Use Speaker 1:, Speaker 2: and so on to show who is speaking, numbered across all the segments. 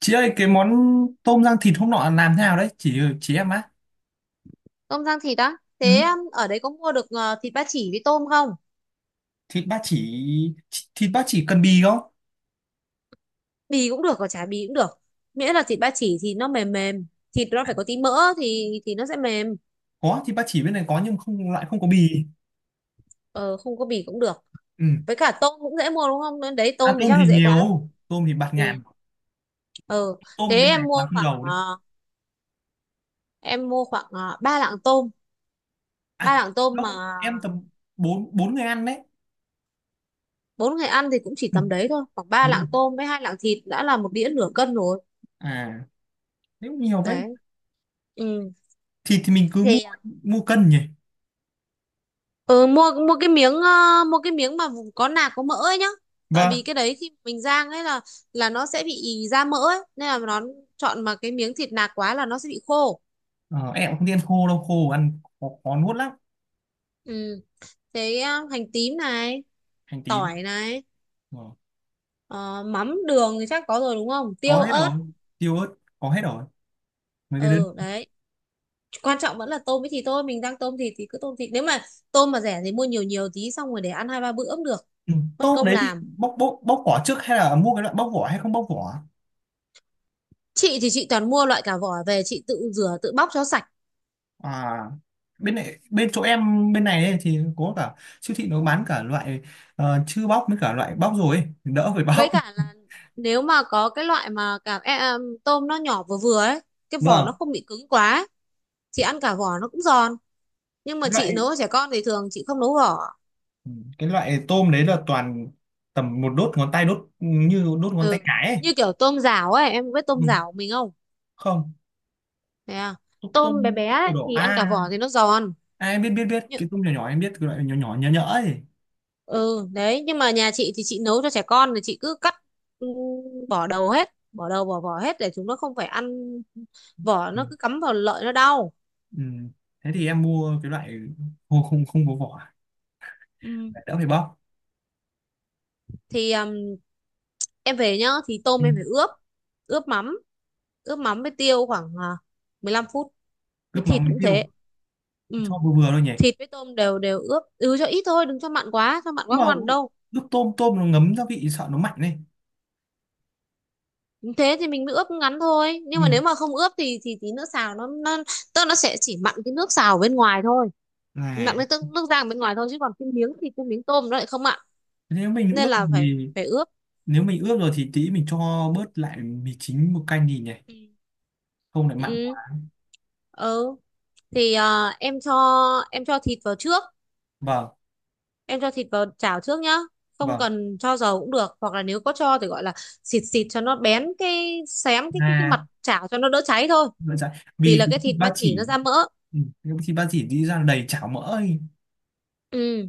Speaker 1: Chị ơi cái món tôm rang thịt hôm nọ làm thế nào đấy Chị em á.
Speaker 2: Tôm rang thịt á.
Speaker 1: Ừ.
Speaker 2: Thế ở đấy có mua được thịt ba chỉ với tôm không?
Speaker 1: Thịt ba chỉ. Thịt ba chỉ cần bì không?
Speaker 2: Bì cũng được và chả bì cũng được, miễn là thịt ba chỉ thì nó mềm mềm, thịt nó phải có tí mỡ thì nó sẽ mềm.
Speaker 1: Có thịt ba chỉ bên này có, nhưng không, lại không có bì.
Speaker 2: Ờ, Không có bì cũng được.
Speaker 1: Ừ.
Speaker 2: Với cả tôm cũng dễ mua đúng không? Nên đấy,
Speaker 1: À,
Speaker 2: tôm thì
Speaker 1: tôm
Speaker 2: chắc
Speaker 1: thì
Speaker 2: là dễ quá rồi.
Speaker 1: nhiều, tôm thì bạt
Speaker 2: Ừ,
Speaker 1: ngàn.
Speaker 2: ờ, thế
Speaker 1: Tôm bên này
Speaker 2: em
Speaker 1: toàn
Speaker 2: mua
Speaker 1: không
Speaker 2: khoảng
Speaker 1: đầu đấy.
Speaker 2: ờ, em mua khoảng ba lạng tôm. Ba
Speaker 1: À
Speaker 2: lạng tôm mà
Speaker 1: đâu, em tầm bốn bốn người ăn đấy.
Speaker 2: bốn người ăn thì cũng chỉ
Speaker 1: Ừ.
Speaker 2: tầm đấy thôi, khoảng
Speaker 1: Thế
Speaker 2: ba
Speaker 1: là
Speaker 2: lạng tôm với hai lạng thịt đã là một đĩa nửa cân rồi.
Speaker 1: à, nếu nhiều thế
Speaker 2: Đấy. Ừ.
Speaker 1: thịt thì mình cứ mua,
Speaker 2: thì ờ,
Speaker 1: mua cân nhỉ?
Speaker 2: Ừ, mua mua cái miếng, mua cái miếng mà có nạc có mỡ ấy nhá. Tại vì
Speaker 1: Vâng.
Speaker 2: cái đấy khi mình rang ấy là nó sẽ bị ì ra mỡ ấy, nên là nó, chọn mà cái miếng thịt nạc quá là nó sẽ bị khô.
Speaker 1: Ờ, em cũng không đi ăn khô đâu, khô ăn khó, khó nuốt lắm.
Speaker 2: Ừ. Thế hành tím này,
Speaker 1: Hành tím.
Speaker 2: tỏi này,
Speaker 1: Ờ,
Speaker 2: ờ, mắm đường thì chắc có rồi đúng không?
Speaker 1: có
Speaker 2: Tiêu
Speaker 1: hết rồi,
Speaker 2: ớt.
Speaker 1: tiêu ớt có hết rồi, mấy cái đơn.
Speaker 2: Ừ đấy. Quan trọng vẫn là tôm với thịt thôi, mình đang tôm thịt thì cứ tôm thịt. Nếu mà tôm mà rẻ thì mua nhiều nhiều tí xong rồi để ăn hai ba bữa cũng được,
Speaker 1: Ừ,
Speaker 2: mất
Speaker 1: tôm
Speaker 2: công
Speaker 1: đấy thì
Speaker 2: làm.
Speaker 1: bóc bóc bóc vỏ trước hay là mua cái loại bóc vỏ hay không bóc vỏ?
Speaker 2: Chị thì chị toàn mua loại cả vỏ về, chị tự rửa tự bóc cho sạch.
Speaker 1: À bên này, bên chỗ em bên này ấy, thì có cả siêu thị nó bán cả loại chưa bóc với cả loại bóc rồi ấy, đỡ phải
Speaker 2: Với
Speaker 1: bóc.
Speaker 2: cả là, nếu mà có cái loại mà tôm nó nhỏ vừa vừa ấy, cái vỏ nó
Speaker 1: Vâng.
Speaker 2: không bị cứng quá, chị ăn cả vỏ nó cũng giòn. Nhưng mà
Speaker 1: Cái
Speaker 2: chị
Speaker 1: loại
Speaker 2: nấu cho trẻ con thì thường chị không nấu vỏ.
Speaker 1: ừ, cái loại tôm đấy là toàn tầm một đốt ngón tay, đốt như đốt ngón tay
Speaker 2: Ừ,
Speaker 1: cái ấy.
Speaker 2: như kiểu tôm rảo ấy, em có biết tôm
Speaker 1: Ừ,
Speaker 2: rảo của mình không?
Speaker 1: không.
Speaker 2: Thế à.
Speaker 1: Tôm
Speaker 2: Tôm bé
Speaker 1: tôm
Speaker 2: bé
Speaker 1: Tôm
Speaker 2: ấy,
Speaker 1: đỏ
Speaker 2: thì ăn cả
Speaker 1: a.
Speaker 2: vỏ thì nó giòn.
Speaker 1: À, em biết biết biết
Speaker 2: Nhưng,
Speaker 1: cái tôm nhỏ nhỏ, em biết cái loại nhỏ nhỏ nhỡ nhỡ ấy.
Speaker 2: ừ đấy, nhưng mà nhà chị thì chị nấu cho trẻ con thì chị cứ cắt, ừ, bỏ đầu hết, bỏ đầu bỏ vỏ hết để chúng nó không phải ăn, vỏ
Speaker 1: Ừ.
Speaker 2: nó cứ cắm vào lợi nó đau.
Speaker 1: Ừ. Thế thì em mua cái loại không không không có vỏ,
Speaker 2: Ừ.
Speaker 1: đỡ phải bóc.
Speaker 2: thì à, em về nhá thì tôm
Speaker 1: Ừ.
Speaker 2: em phải ướp, ướp mắm, ướp mắm với tiêu khoảng 15 phút, với
Speaker 1: Ướp
Speaker 2: thịt
Speaker 1: mắm với
Speaker 2: cũng thế.
Speaker 1: tiêu
Speaker 2: Ừ.
Speaker 1: cho vừa vừa thôi nhỉ?
Speaker 2: Thịt với tôm đều đều ướp, ừ, cho ít thôi, đừng cho mặn quá, cho mặn
Speaker 1: Nhưng
Speaker 2: quá
Speaker 1: mà
Speaker 2: không ăn được đâu.
Speaker 1: ướp tôm, nó ngấm gia vị sợ nó mạnh đấy.
Speaker 2: Ừ, thế thì mình mới ướp ngắn thôi, nhưng mà
Speaker 1: Ừ.
Speaker 2: nếu mà không ướp thì tí nữa xào nó tức là nó sẽ chỉ mặn cái nước xào bên ngoài thôi,
Speaker 1: Là
Speaker 2: mặn cái nước nước rang bên ngoài thôi, chứ còn cái miếng thịt cái miếng tôm nó lại không mặn,
Speaker 1: nếu mình
Speaker 2: nên
Speaker 1: ướp
Speaker 2: là
Speaker 1: rồi
Speaker 2: phải
Speaker 1: thì
Speaker 2: phải ướp.
Speaker 1: tí mình cho bớt lại mì chính một canh đi nhỉ?
Speaker 2: Ừ.
Speaker 1: Không lại mặn
Speaker 2: Ừ.
Speaker 1: quá.
Speaker 2: Ừ. Em cho, em cho thịt vào trước,
Speaker 1: Vâng.
Speaker 2: em cho thịt vào chảo trước nhá. Không
Speaker 1: Vâng.
Speaker 2: cần cho dầu cũng được, hoặc là nếu có cho thì gọi là xịt xịt cho nó bén cái xém cái cái
Speaker 1: À
Speaker 2: mặt chảo cho nó đỡ cháy thôi.
Speaker 1: vậy, dạ.
Speaker 2: Vì
Speaker 1: Vì
Speaker 2: là
Speaker 1: cái
Speaker 2: cái
Speaker 1: thịt
Speaker 2: thịt
Speaker 1: ba
Speaker 2: ba chỉ
Speaker 1: chỉ.
Speaker 2: nó ra mỡ.
Speaker 1: Ừ, cái thịt ba chỉ đi ra đầy chảo mỡ ấy.
Speaker 2: Ừ,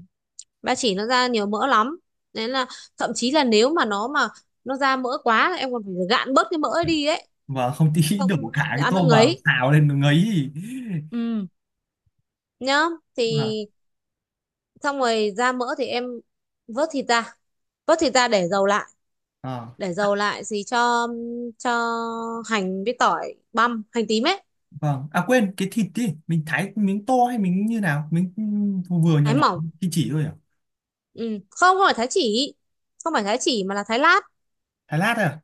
Speaker 2: ba chỉ nó ra nhiều mỡ lắm, nên là, thậm chí là nếu mà nó ra mỡ quá là em còn phải gạn bớt cái mỡ ấy đi ấy.
Speaker 1: Và không, tí đổ
Speaker 2: Không,
Speaker 1: cả
Speaker 2: không thì
Speaker 1: cái
Speaker 2: ăn nó
Speaker 1: tôm vào
Speaker 2: ngấy.
Speaker 1: xào lên nó ngấy.
Speaker 2: Ừ, nhá. Thì,
Speaker 1: Vâng.
Speaker 2: xong rồi ra mỡ thì em vớt thịt ra, vớt thịt ra để dầu lại,
Speaker 1: Ờ.
Speaker 2: để dầu lại gì, cho hành với tỏi băm, hành tím ấy.
Speaker 1: Vâng. À quên, cái thịt đi, mình thái miếng to hay miếng như nào? Miếng vừa vừa nhỏ
Speaker 2: Thái
Speaker 1: nhỏ,
Speaker 2: mỏng.
Speaker 1: chỉ thôi à?
Speaker 2: Ừ, không, không phải thái chỉ, không phải thái chỉ mà là thái lát.
Speaker 1: Thái lát à?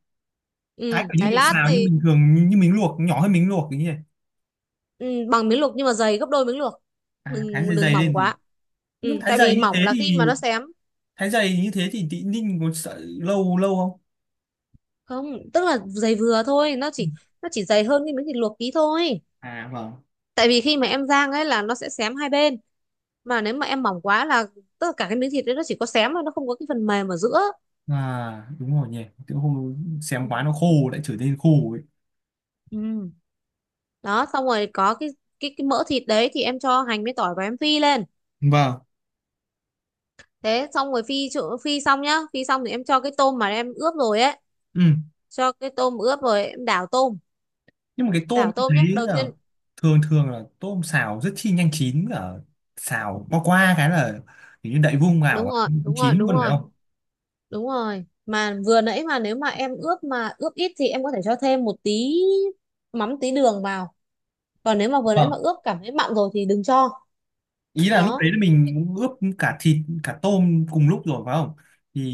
Speaker 1: Thái
Speaker 2: Ừ,
Speaker 1: kiểu như
Speaker 2: thái
Speaker 1: mình
Speaker 2: lát
Speaker 1: xào nhưng
Speaker 2: thì,
Speaker 1: bình thường như, như mình luộc, nhỏ hơn mình luộc cái như này.
Speaker 2: ừ, bằng miếng luộc nhưng mà dày gấp đôi miếng luộc.
Speaker 1: À thái
Speaker 2: đừng
Speaker 1: dày
Speaker 2: đừng
Speaker 1: dày
Speaker 2: mỏng
Speaker 1: lên gì?
Speaker 2: quá. Ừ,
Speaker 1: Nhưng thái
Speaker 2: tại vì
Speaker 1: dày như
Speaker 2: mỏng
Speaker 1: thế
Speaker 2: là khi
Speaker 1: thì
Speaker 2: mà nó xém.
Speaker 1: tí ninh có sợ lâu lâu không?
Speaker 2: Không, tức là dày vừa thôi, nó chỉ, nó chỉ dày hơn cái miếng thịt luộc tí thôi.
Speaker 1: À vâng.
Speaker 2: Tại vì khi mà em rang ấy là nó sẽ xém hai bên, mà nếu mà em mỏng quá là, tức là cả cái miếng thịt đấy nó chỉ có xém thôi, nó không có cái phần mềm ở giữa.
Speaker 1: À đúng rồi nhỉ. Tự hôm xem
Speaker 2: Ừ.
Speaker 1: quá nó khô, lại trở nên khô ấy.
Speaker 2: Ừ. Đó, xong rồi có cái mỡ thịt đấy thì em cho hành với tỏi và em phi lên.
Speaker 1: Vâng.
Speaker 2: Thế xong rồi phi phi xong nhá, phi xong thì em cho cái tôm mà em ướp rồi ấy,
Speaker 1: Ừ.
Speaker 2: cho cái tôm ướp rồi em đảo tôm,
Speaker 1: Nhưng mà cái tôm
Speaker 2: đảo
Speaker 1: em
Speaker 2: tôm nhá
Speaker 1: thấy
Speaker 2: đầu
Speaker 1: là
Speaker 2: tiên.
Speaker 1: thường thường là tôm xào rất chi nhanh chín, ở xào qua qua cái là kiểu như đậy vung
Speaker 2: Đúng
Speaker 1: vào
Speaker 2: rồi,
Speaker 1: cũng
Speaker 2: đúng rồi,
Speaker 1: chín
Speaker 2: đúng
Speaker 1: luôn phải
Speaker 2: rồi,
Speaker 1: không?
Speaker 2: đúng rồi. Mà vừa nãy mà nếu mà em ướp mà ướp ít thì em có thể cho thêm một tí mắm, tí đường vào. Còn nếu mà vừa nãy mà
Speaker 1: Vâng.
Speaker 2: ướp cảm thấy mặn rồi thì đừng cho.
Speaker 1: Ý là lúc đấy
Speaker 2: Đó.
Speaker 1: là mình cũng ướp cả thịt cả tôm cùng lúc rồi phải không,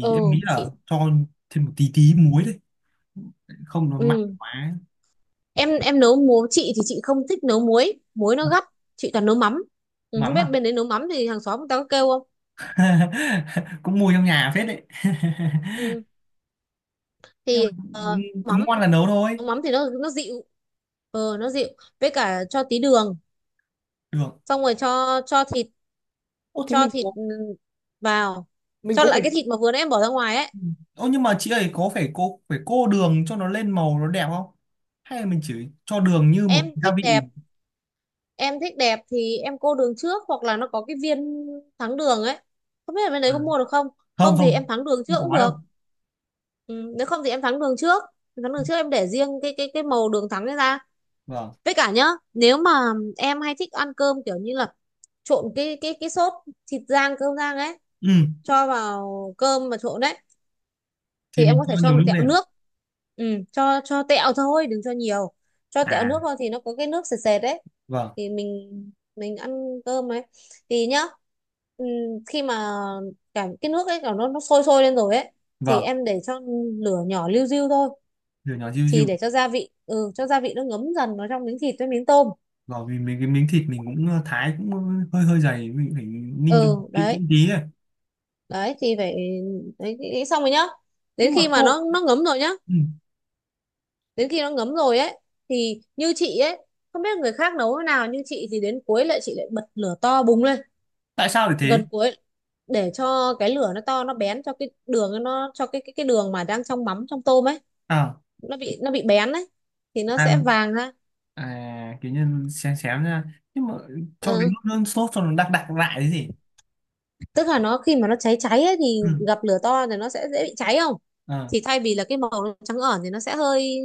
Speaker 2: Ừ.
Speaker 1: em nghĩ là
Speaker 2: Chị.
Speaker 1: cho thêm một tí tí muối đấy, không nó mặn
Speaker 2: Ừ.
Speaker 1: quá.
Speaker 2: Em nấu muối, chị thì chị không thích nấu muối, muối nó gắt, chị toàn nấu mắm. Không
Speaker 1: Mắm
Speaker 2: biết
Speaker 1: à?
Speaker 2: bên đấy nấu mắm thì hàng xóm người ta có kêu không.
Speaker 1: Cũng mua trong nhà phết đấy.
Speaker 2: ừ,
Speaker 1: Nhưng mà cứ
Speaker 2: Mắm,
Speaker 1: ngon là nấu thôi.
Speaker 2: nấu mắm thì nó dịu, ờ, nó dịu. Với cả cho tí đường,
Speaker 1: Được.
Speaker 2: xong rồi cho thịt,
Speaker 1: Ô thế
Speaker 2: cho
Speaker 1: mình
Speaker 2: thịt,
Speaker 1: có,
Speaker 2: vào, cho lại
Speaker 1: phải.
Speaker 2: cái thịt mà vừa nãy em bỏ ra ngoài ấy.
Speaker 1: Ừ. Ô nhưng mà chị ấy có phải cô, phải cô đường cho nó lên màu nó đẹp không? Hay là mình chỉ cho đường như một
Speaker 2: Em
Speaker 1: gia
Speaker 2: thích
Speaker 1: vị?
Speaker 2: đẹp, em thích đẹp thì em cô đường trước, hoặc là nó có cái viên thắng đường ấy, không biết là bên
Speaker 1: À,
Speaker 2: đấy có mua được không. Không
Speaker 1: không
Speaker 2: thì em
Speaker 1: không,
Speaker 2: thắng đường trước
Speaker 1: không
Speaker 2: cũng
Speaker 1: có
Speaker 2: được.
Speaker 1: đâu.
Speaker 2: Ừ, nếu không thì em thắng đường trước, thắng đường trước em để riêng cái màu đường thắng ấy ra.
Speaker 1: Vâng.
Speaker 2: Với cả nhá, nếu mà em hay thích ăn cơm kiểu như là trộn cái sốt thịt rang, cơm rang ấy,
Speaker 1: Ừ,
Speaker 2: cho vào cơm mà trộn đấy,
Speaker 1: thì
Speaker 2: thì em
Speaker 1: mình
Speaker 2: có
Speaker 1: cho
Speaker 2: thể cho
Speaker 1: nhiều
Speaker 2: một
Speaker 1: nước
Speaker 2: tẹo
Speaker 1: lên.
Speaker 2: nước. Ừ, cho tẹo thôi, đừng cho nhiều, cho tẹo
Speaker 1: À,
Speaker 2: nước thôi thì nó có cái nước sệt sệt đấy,
Speaker 1: vâng,
Speaker 2: thì mình ăn cơm ấy. Thì nhá, ừ, khi mà cả cái nước ấy cả nó sôi sôi lên rồi ấy, thì
Speaker 1: vâng,
Speaker 2: em để cho lửa nhỏ liu riu thôi,
Speaker 1: nhỏ nhỏ diu
Speaker 2: thì
Speaker 1: diu.
Speaker 2: để cho gia vị, ừ, cho gia vị nó ngấm dần vào trong miếng thịt với miếng tôm.
Speaker 1: Vâng, vì mình cái miếng thịt mình cũng thái cũng hơi hơi dày, mình phải ninh cho
Speaker 2: Ừ
Speaker 1: kỹ
Speaker 2: đấy,
Speaker 1: kỹ tí này.
Speaker 2: đấy thì phải, nghĩ xong rồi nhá, đến
Speaker 1: Nhưng mà
Speaker 2: khi mà nó
Speaker 1: tô
Speaker 2: nó ngấm rồi nhá,
Speaker 1: ừ.
Speaker 2: đến khi nó ngấm rồi ấy thì như chị ấy, không biết người khác nấu thế nào nhưng chị thì đến cuối lại chị lại bật lửa to bùng lên.
Speaker 1: Tại sao lại thế?
Speaker 2: Gần cuối, để cho cái lửa nó to nó bén cho cái đường nó, cho cái đường mà đang trong mắm trong tôm ấy,
Speaker 1: À,
Speaker 2: nó bị bén ấy, thì nó sẽ
Speaker 1: ăn
Speaker 2: vàng ha.
Speaker 1: kiểu như xém xém ra. Nhưng mà cho cái
Speaker 2: Ờ,
Speaker 1: nước, nước sốt cho nó đặc đặc lại cái gì?
Speaker 2: tức là nó khi mà nó cháy cháy ấy, thì
Speaker 1: Ừ.
Speaker 2: gặp lửa to thì nó sẽ dễ bị cháy không,
Speaker 1: À.
Speaker 2: thì thay vì là cái màu nó trắng ẩn thì nó sẽ hơi,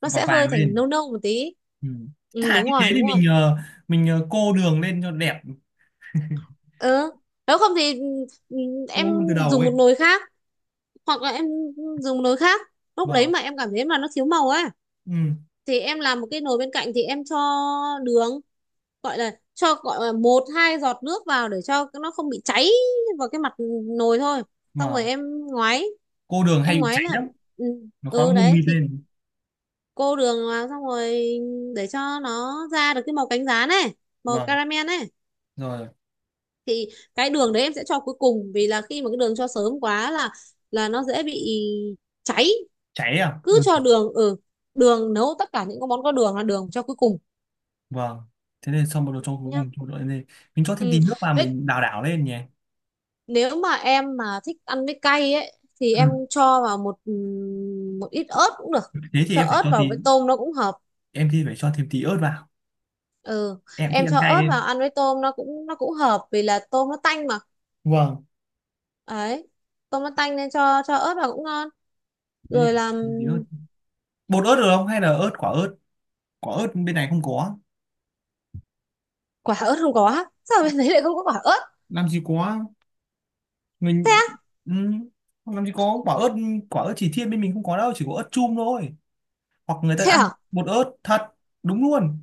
Speaker 2: nó
Speaker 1: Và
Speaker 2: sẽ hơi
Speaker 1: vàng
Speaker 2: thành
Speaker 1: lên.
Speaker 2: nâu nâu một tí.
Speaker 1: Ừ.
Speaker 2: Ừ,
Speaker 1: Thà
Speaker 2: đúng
Speaker 1: như thế
Speaker 2: rồi, đúng
Speaker 1: thì
Speaker 2: rồi.
Speaker 1: mình mình cô đường lên cho đẹp,
Speaker 2: Ừ, nếu không thì, ừ, em
Speaker 1: cô luôn từ đầu
Speaker 2: dùng
Speaker 1: ấy.
Speaker 2: một nồi khác, hoặc là em dùng một nồi khác, lúc đấy
Speaker 1: Vâng.
Speaker 2: mà em cảm thấy mà nó thiếu màu ấy,
Speaker 1: Ừ.
Speaker 2: thì em làm một cái nồi bên cạnh thì em cho đường, gọi là cho, gọi là một hai giọt nước vào để cho nó không bị cháy, vào cái mặt nồi thôi. Xong rồi
Speaker 1: Vâng.
Speaker 2: em ngoái,
Speaker 1: Cô đường hay
Speaker 2: em
Speaker 1: bị
Speaker 2: ngoái
Speaker 1: cháy
Speaker 2: là,
Speaker 1: lắm,
Speaker 2: ừ.
Speaker 1: nó khói
Speaker 2: Ừ
Speaker 1: mù
Speaker 2: đấy,
Speaker 1: mịt
Speaker 2: thì
Speaker 1: lên.
Speaker 2: cô đường vào, xong rồi để cho nó ra được cái màu cánh gián này, màu
Speaker 1: Vâng.
Speaker 2: caramel này.
Speaker 1: Rồi.
Speaker 2: Thì cái đường đấy em sẽ cho cuối cùng, vì là khi mà cái đường cho sớm quá là nó dễ bị cháy.
Speaker 1: Cháy à?
Speaker 2: Cứ
Speaker 1: Ừ.
Speaker 2: cho đường ở, ừ, đường nấu tất cả những cái món có đường là đường cho cuối cùng
Speaker 1: Vâng. Thế nên xong bắt đầu cho cuối
Speaker 2: nhá.
Speaker 1: cùng cho đội lên, mình cho thêm
Speaker 2: Ừ.
Speaker 1: tí nước vào,
Speaker 2: Vậy
Speaker 1: mình đảo đảo lên nhỉ?
Speaker 2: nếu mà em mà thích ăn với cay ấy thì
Speaker 1: Ừ.
Speaker 2: em cho vào một một ít ớt cũng được.
Speaker 1: Thế thì
Speaker 2: Cho
Speaker 1: em phải
Speaker 2: ớt
Speaker 1: cho tí.
Speaker 2: vào với tôm nó cũng hợp.
Speaker 1: Em thì phải cho thêm tí ớt vào,
Speaker 2: Ừ.
Speaker 1: em thích
Speaker 2: Em
Speaker 1: ăn
Speaker 2: cho
Speaker 1: cay
Speaker 2: ớt vào
Speaker 1: lên.
Speaker 2: ăn với tôm nó cũng hợp, vì là tôm nó tanh mà,
Speaker 1: Vâng.
Speaker 2: ấy, tôm nó tanh nên cho ớt vào cũng ngon.
Speaker 1: Thế thì
Speaker 2: Rồi
Speaker 1: phải cho
Speaker 2: làm.
Speaker 1: thêm tí ớt, bột ớt được không hay là ớt quả, ớt quả ớt bên này không có,
Speaker 2: Quả ớt không có sao, bên đấy lại không có quả ớt?
Speaker 1: làm gì có.
Speaker 2: Thế
Speaker 1: Mình
Speaker 2: á.
Speaker 1: ừ, làm gì có quả ớt, quả ớt chỉ thiên bên mình không có đâu, chỉ có ớt chum thôi, hoặc người ta
Speaker 2: Thế
Speaker 1: ăn
Speaker 2: à.
Speaker 1: bột ớt thật. Đúng luôn.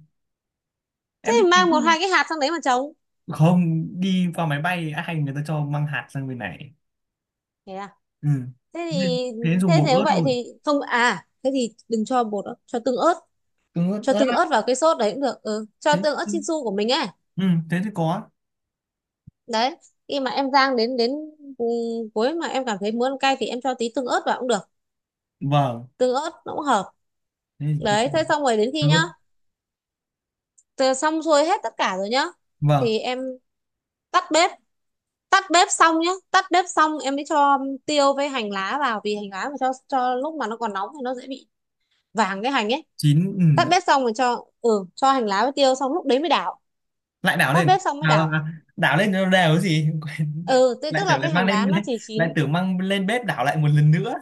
Speaker 2: Thế
Speaker 1: Em đi
Speaker 2: thì mang một
Speaker 1: tìm,
Speaker 2: hai cái hạt sang đấy mà trồng.
Speaker 1: không. Đi qua máy bay ai người ta cho mang hạt sang bên này.
Speaker 2: Thế à.
Speaker 1: Ừ.
Speaker 2: Thế
Speaker 1: Thế nên,
Speaker 2: thì,
Speaker 1: dùng
Speaker 2: thế
Speaker 1: bột
Speaker 2: nếu
Speaker 1: ớt
Speaker 2: vậy
Speaker 1: luôn.
Speaker 2: thì không, à thế thì đừng cho bột ớt, cho tương ớt.
Speaker 1: Tương ớt,
Speaker 2: Cho tương ớt vào cái sốt đấy cũng được, ừ, cho tương ớt
Speaker 1: thế.
Speaker 2: Chinsu của mình ấy.
Speaker 1: Ừ, thế thì có.
Speaker 2: Đấy, khi mà em rang đến đến, ừ, cuối mà em cảm thấy muốn ăn cay thì em cho tí tương ớt vào cũng được.
Speaker 1: Vâng.
Speaker 2: Tương ớt nó cũng hợp.
Speaker 1: Thế thì
Speaker 2: Đấy, thế xong rồi đến khi
Speaker 1: tương ớt.
Speaker 2: nhá, từ xong xuôi hết tất cả rồi nhá,
Speaker 1: Vâng.
Speaker 2: thì em tắt bếp. Tắt bếp xong nhá, tắt bếp xong em mới cho tiêu với hành lá vào, vì hành lá mà cho lúc mà nó còn nóng thì nó dễ bị vàng cái hành ấy.
Speaker 1: Chín.
Speaker 2: Tắt
Speaker 1: Ừ.
Speaker 2: bếp xong rồi cho, ừ, cho hành lá với tiêu xong lúc đấy mới đảo.
Speaker 1: Lại đảo
Speaker 2: Tắt
Speaker 1: lên.
Speaker 2: bếp xong mới đảo.
Speaker 1: Đảo lên cho nó đều cái gì quên.
Speaker 2: Ừ, thế
Speaker 1: Lại
Speaker 2: tức là
Speaker 1: tưởng lại
Speaker 2: cái
Speaker 1: mang
Speaker 2: hành lá
Speaker 1: lên,
Speaker 2: nó chỉ
Speaker 1: lại
Speaker 2: chín.
Speaker 1: tưởng mang lên bếp đảo lại một lần nữa.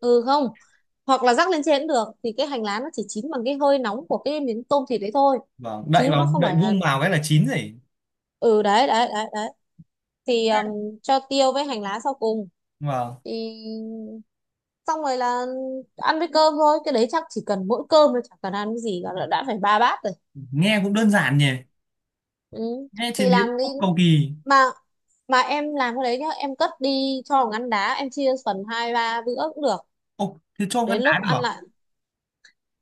Speaker 2: Ừ, không, hoặc là rắc lên trên cũng được, thì cái hành lá nó chỉ chín bằng cái hơi nóng của cái miếng tôm thịt đấy thôi,
Speaker 1: Vâng, đậy
Speaker 2: chứ nó
Speaker 1: vào,
Speaker 2: không
Speaker 1: đậy
Speaker 2: phải là.
Speaker 1: vung vào cái là chín rồi.
Speaker 2: Ừ, đấy đấy đấy đấy. Thì Cho tiêu với hành lá sau cùng,
Speaker 1: Vâng.
Speaker 2: thì xong rồi là ăn với cơm thôi. Cái đấy chắc chỉ cần mỗi cơm thôi, chẳng cần ăn cái gì cả đã phải ba bát rồi.
Speaker 1: Nghe cũng đơn giản nhỉ,
Speaker 2: Ừ.
Speaker 1: nghe chế
Speaker 2: Thì
Speaker 1: biến
Speaker 2: làm đi
Speaker 1: không cầu kỳ.
Speaker 2: mà mà em làm cái đấy nhá, em cất đi cho vào ngăn đá, em chia phần hai ba bữa cũng được.
Speaker 1: Ô thế cho con
Speaker 2: Đến
Speaker 1: đá
Speaker 2: lúc
Speaker 1: được
Speaker 2: ăn
Speaker 1: à?
Speaker 2: lại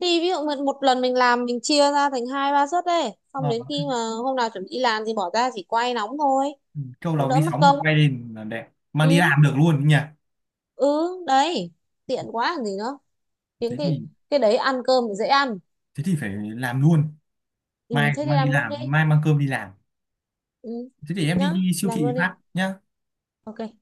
Speaker 2: thì ví dụ mình, một lần mình làm mình chia ra thành hai ba suất đấy, xong đến
Speaker 1: Vâng.
Speaker 2: khi mà hôm nào chuẩn bị làm thì bỏ ra chỉ quay nóng thôi,
Speaker 1: Câu
Speaker 2: nó
Speaker 1: là
Speaker 2: đỡ
Speaker 1: vi
Speaker 2: mất
Speaker 1: sóng được
Speaker 2: công.
Speaker 1: quay lên là đẹp, mang đi
Speaker 2: Ừ.
Speaker 1: làm được luôn nhỉ?
Speaker 2: Ừ đấy. Tiện quá làm gì nữa. Những
Speaker 1: Thế
Speaker 2: cái
Speaker 1: thì
Speaker 2: cái đấy ăn cơm thì dễ ăn.
Speaker 1: phải làm luôn,
Speaker 2: Ừ,
Speaker 1: mai
Speaker 2: thế thì
Speaker 1: mang đi
Speaker 2: làm luôn đi.
Speaker 1: làm, mai mang cơm đi làm.
Speaker 2: Ừ,
Speaker 1: Thế thì em
Speaker 2: nhá,
Speaker 1: đi siêu
Speaker 2: làm
Speaker 1: thị
Speaker 2: luôn đi.
Speaker 1: phát nhá.
Speaker 2: OK.